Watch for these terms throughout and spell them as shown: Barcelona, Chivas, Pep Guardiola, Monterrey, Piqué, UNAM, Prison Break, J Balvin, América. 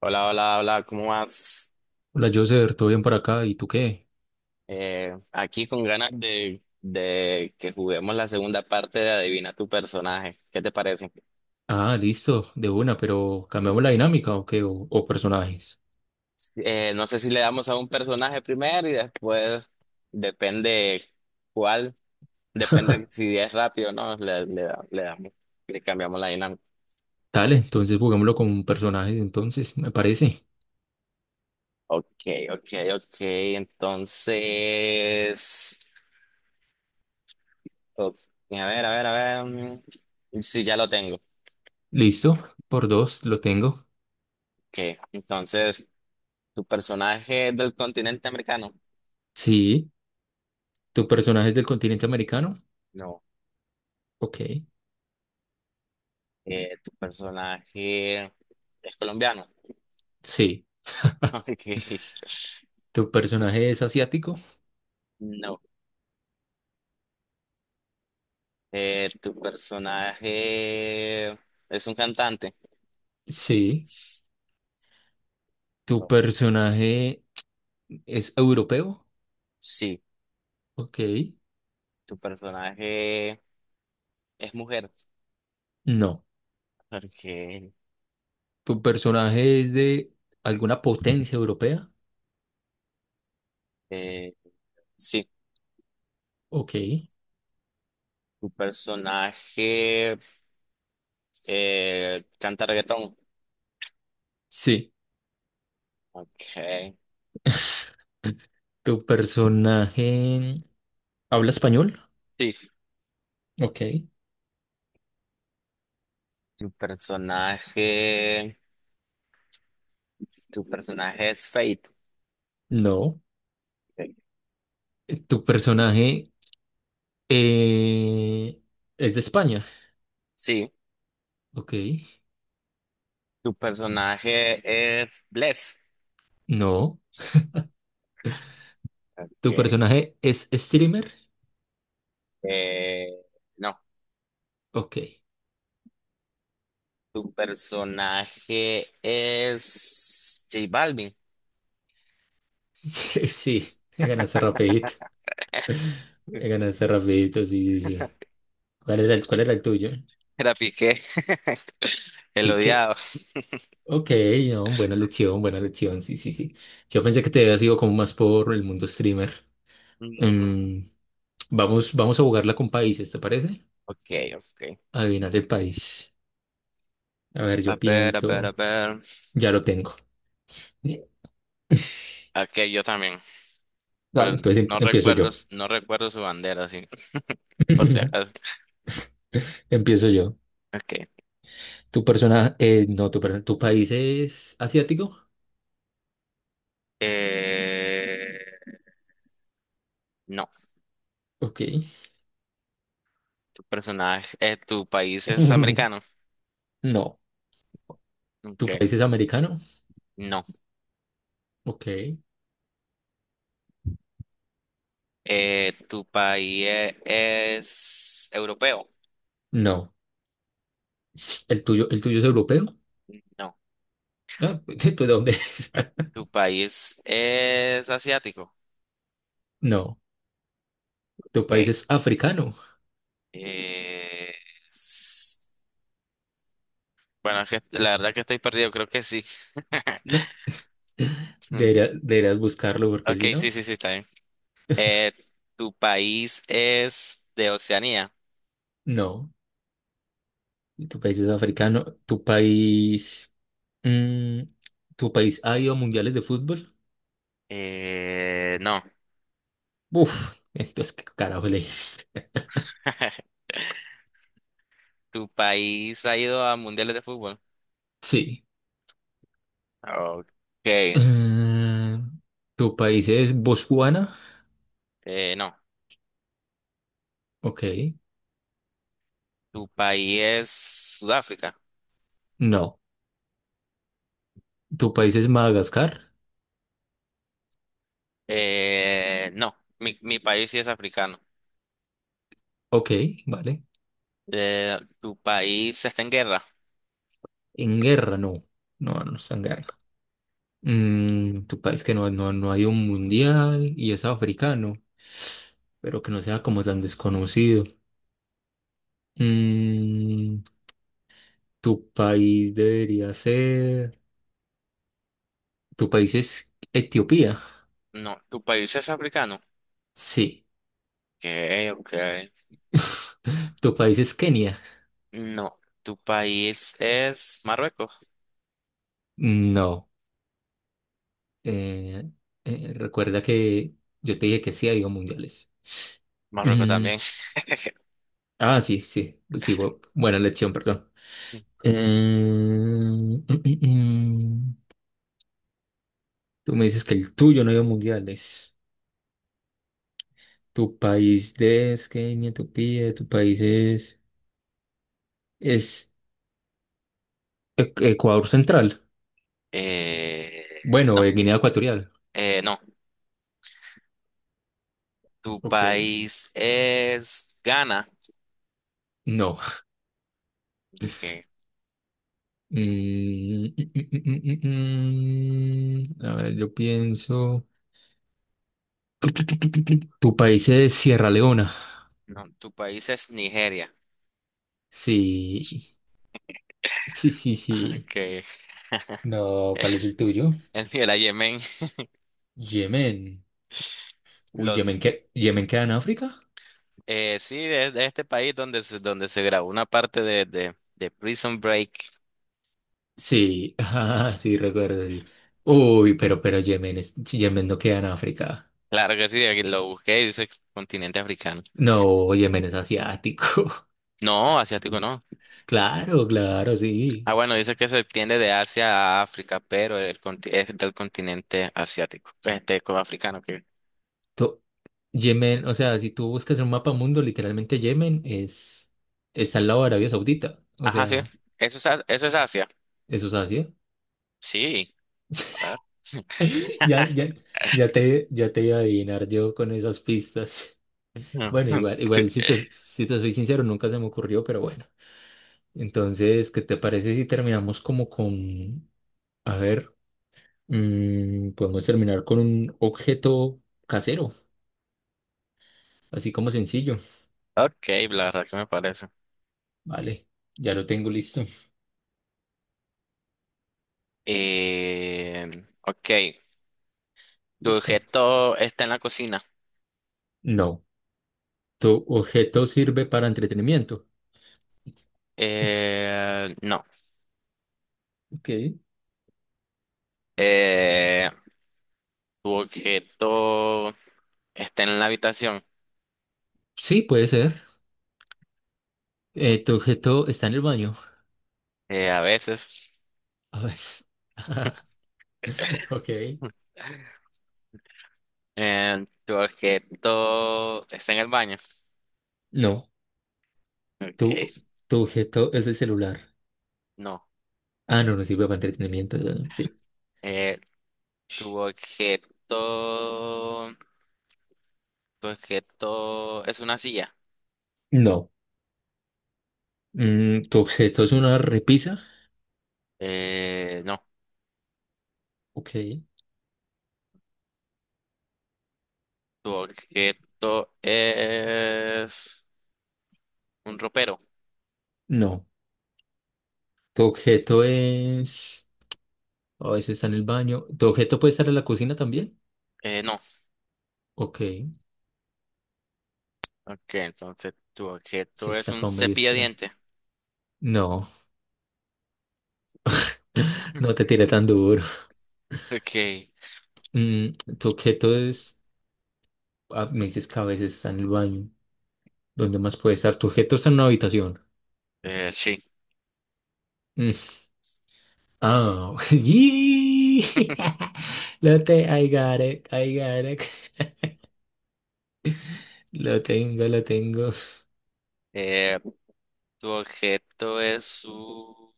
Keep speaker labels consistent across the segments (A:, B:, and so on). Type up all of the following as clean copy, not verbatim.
A: Hola, hola, hola, ¿cómo vas?
B: Hola, Joser, ¿todo bien por acá? ¿Y tú qué?
A: Aquí con ganas de que juguemos la segunda parte de Adivina tu personaje. ¿Qué te parece?
B: Ah, listo, de una, pero ¿cambiamos la dinámica o qué? ¿O personajes?
A: No sé si le damos a un personaje primero y después depende cuál, depende si es rápido o no, le damos, le cambiamos la dinámica.
B: Dale, entonces jugámoslo con personajes, entonces, me parece.
A: Ok, ok, ok, entonces, ok, a ver, a ver, a ver, mm, sí, ya lo tengo.
B: Listo, por dos, lo tengo.
A: Ok, entonces, ¿tu personaje es del continente americano?
B: Sí, ¿tu personaje es del continente americano?
A: No.
B: Ok,
A: ¿Tu personaje es colombiano?
B: sí.
A: Ok.
B: ¿Tu personaje es asiático?
A: No. ¿Tu personaje es un cantante?
B: Sí. ¿Tu
A: No.
B: personaje es europeo?
A: Sí.
B: Ok,
A: ¿Tu personaje es mujer?
B: no.
A: Ok.
B: ¿Tu personaje es de alguna potencia europea?
A: Eh, sí.
B: Ok,
A: ¿Tu personaje canta reggaetón?
B: sí.
A: Ok.
B: ¿Tu personaje habla español?
A: Sí.
B: Ok.
A: ¿Tu personaje, ¿Tu personaje es Fate?
B: No.
A: Ok.
B: ¿Tu personaje eh, es de España?
A: Sí.
B: Ok.
A: Tu personaje es Bless.
B: No. ¿Tu
A: Okay.
B: personaje es streamer?
A: Eh, no,
B: Ok.
A: tu personaje es J Balvin.
B: Sí, sí. Me ganaste rapidito. Me ganaste rapidito, sí, sí, sí. ¿Cuál era cuál era el tuyo?
A: Era Piqué, el
B: Pique.
A: odiado.
B: Ok, no, buena lección, sí, sí, sí. Yo pensé que te había sido como más por el mundo streamer.
A: Mm,
B: Em, Vamos, vamos a jugarla con países, ¿te parece?
A: ok, ok.
B: Adivinar el país. A ver,
A: A
B: yo
A: ver, a ver, a
B: pienso,
A: ver.
B: ya lo tengo.
A: Ok, yo también, pero
B: Dale. Entonces empiezo yo.
A: no recuerdo su bandera, sí, por si acaso.
B: Empiezo yo.
A: Ok.
B: Tu persona, no, Tu persona, ¿tu país es asiático?
A: Eh, no,
B: Ok.
A: tu país es americano.
B: No. ¿Tu país
A: Ok,
B: es americano?
A: no.
B: Ok.
A: ¿Tu país es europeo?
B: No. El tuyo es europeo?
A: No.
B: Ah, ¿de dónde es?
A: ¿Tu país es asiático?
B: No. ¿Tu país
A: Ok.
B: es africano?
A: Eh, s- bueno, es que la verdad que estoy perdido, creo que sí.
B: No.
A: Mm,
B: ¿Deberías buscarlo? Porque
A: ok,
B: si no,
A: sí, sí, sí, está bien. Eh, ¿Tu país es de Oceanía?
B: no. ¿Tu país es africano? ¿Tu país... Mm, ¿tu país ha ido a mundiales de fútbol?
A: No.
B: Uf, entonces, ¿qué carajo le
A: ¿Tu país ha ido a mundiales de fútbol?
B: Sí.
A: Ok.
B: Eh, ¿Tu país es Botswana?
A: No.
B: Ok.
A: ¿Tu país es Sudáfrica?
B: No. ¿Tu país es Madagascar?
A: No, mi país sí es africano.
B: Ok, vale.
A: ¿Tu país está en guerra?
B: En guerra, no. No, no está en guerra. ¿Tu país que no ha ido a un mundial y es africano? Pero que no sea como tan desconocido. Mm, ¿Tu país debería ser... ¿Tu país es Etiopía?
A: No, ¿tu país es africano? Ok,
B: Sí.
A: ok.
B: ¿Tu país es Kenia?
A: No, ¿tu país es Marruecos?
B: No. Eh, recuerda que yo te dije que sí ha habido mundiales.
A: Marruecos
B: Mm,
A: también.
B: ah, sí, sí. Sí, buena lección, perdón. Eh, mm, mm, mm. Tú me dices que el tuyo no ha ido a mundiales. Tu país de es Kenia, Etiopía, tu país es Ecuador Central.
A: Eh, no,
B: Bueno, Guinea Ecuatorial.
A: no, ¿tu
B: Ok.
A: país es Ghana?
B: No.
A: Ok,
B: Mm. A ver, yo pienso. Tu país es Sierra Leona.
A: no, ¿tu país es Nigeria?
B: Sí, sí, sí, sí.
A: Ok,
B: No, ¿cuál es el tuyo?
A: el mío era Yemen.
B: Yemen. Uy,
A: Los
B: ¿Yemen, qué. ¿Yemen queda en África?
A: Sí, de este país donde se grabó una parte de Prison Break.
B: Sí, ah, sí, recuerdo, sí. Uy, pero Yemen Yemen no queda en África.
A: Claro que sí, aquí lo busqué y dice continente africano.
B: No, Yemen es asiático.
A: No, asiático no.
B: Claro, claro, sí.
A: Ah, bueno, dice que se extiende de Asia a África, pero el, conti- es del continente asiático. Este, como africano. Que...
B: To- Yemen, o sea, si tú buscas en un mapa mundo, literalmente Yemen está al lado de Arabia Saudita. O
A: Ajá, sí.
B: sea,
A: Eso es, A- eso es Asia.
B: eso es Asia.
A: Sí. Ah.
B: Ya, ya, ya te iba a adivinar yo con esas pistas.
A: No.
B: Bueno, igual, igual si te soy sincero, nunca se me ocurrió, pero bueno. Entonces, ¿qué te parece si terminamos como con, a ver, podemos terminar con un objeto casero, así como sencillo.
A: Ok, la verdad que me parece.
B: Vale, ya lo tengo listo.
A: Eh, ok, tu
B: Listo.
A: objeto está en la cocina.
B: No, tu objeto sirve para entretenimiento.
A: No.
B: Ok.
A: Eh, Tu objeto está en la habitación.
B: Sí, puede ser. Tu objeto está en el baño.
A: A veces.
B: A ver. Ok.
A: Tu objeto está en el baño.
B: No.
A: Ok,
B: Tu, tu objeto es el celular.
A: no.
B: Ah, no, no sirve para entretenimiento. Sí.
A: Eh, tu objeto. Tu objeto es una silla.
B: No. Tu objeto es una repisa.
A: No.
B: Ok.
A: Tu objeto es un ropero.
B: No. Tu objeto es. A veces está en el baño. Tu objeto puede estar en la cocina también.
A: No.
B: Ok.
A: Ok, entonces tu
B: Sí,
A: objeto es
B: está
A: un
B: como medio
A: cepillo de
B: extraño.
A: dientes.
B: No. No te tiré tan duro.
A: Ok,
B: Mm, tu objeto es. Ah, me dices que a veces está en el baño. ¿Dónde más puede estar? Tu objeto está en una habitación.
A: sí.
B: Oh, yee. I got it, I got it. Lo tengo, lo tengo.
A: Eh, Tu objeto es un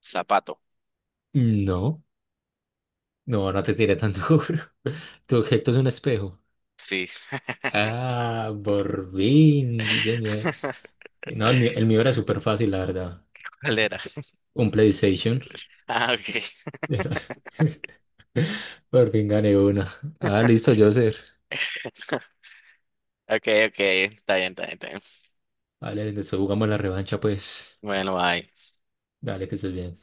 A: zapato.
B: No, no, no te tiré tan duro. Tu objeto es un espejo.
A: Sí.
B: Ah, por fin, sí, señor. No, el mío era súper fácil, la verdad.
A: ¿Cuál era?
B: Un PlayStation.
A: Ah, ok.
B: Pero Por fin gané una. Ah, listo, Joser.
A: Ok, ok. Está bien, está bien, está bien.
B: Vale, después jugamos la revancha, pues.
A: Bueno, bye.
B: Dale, que estés bien.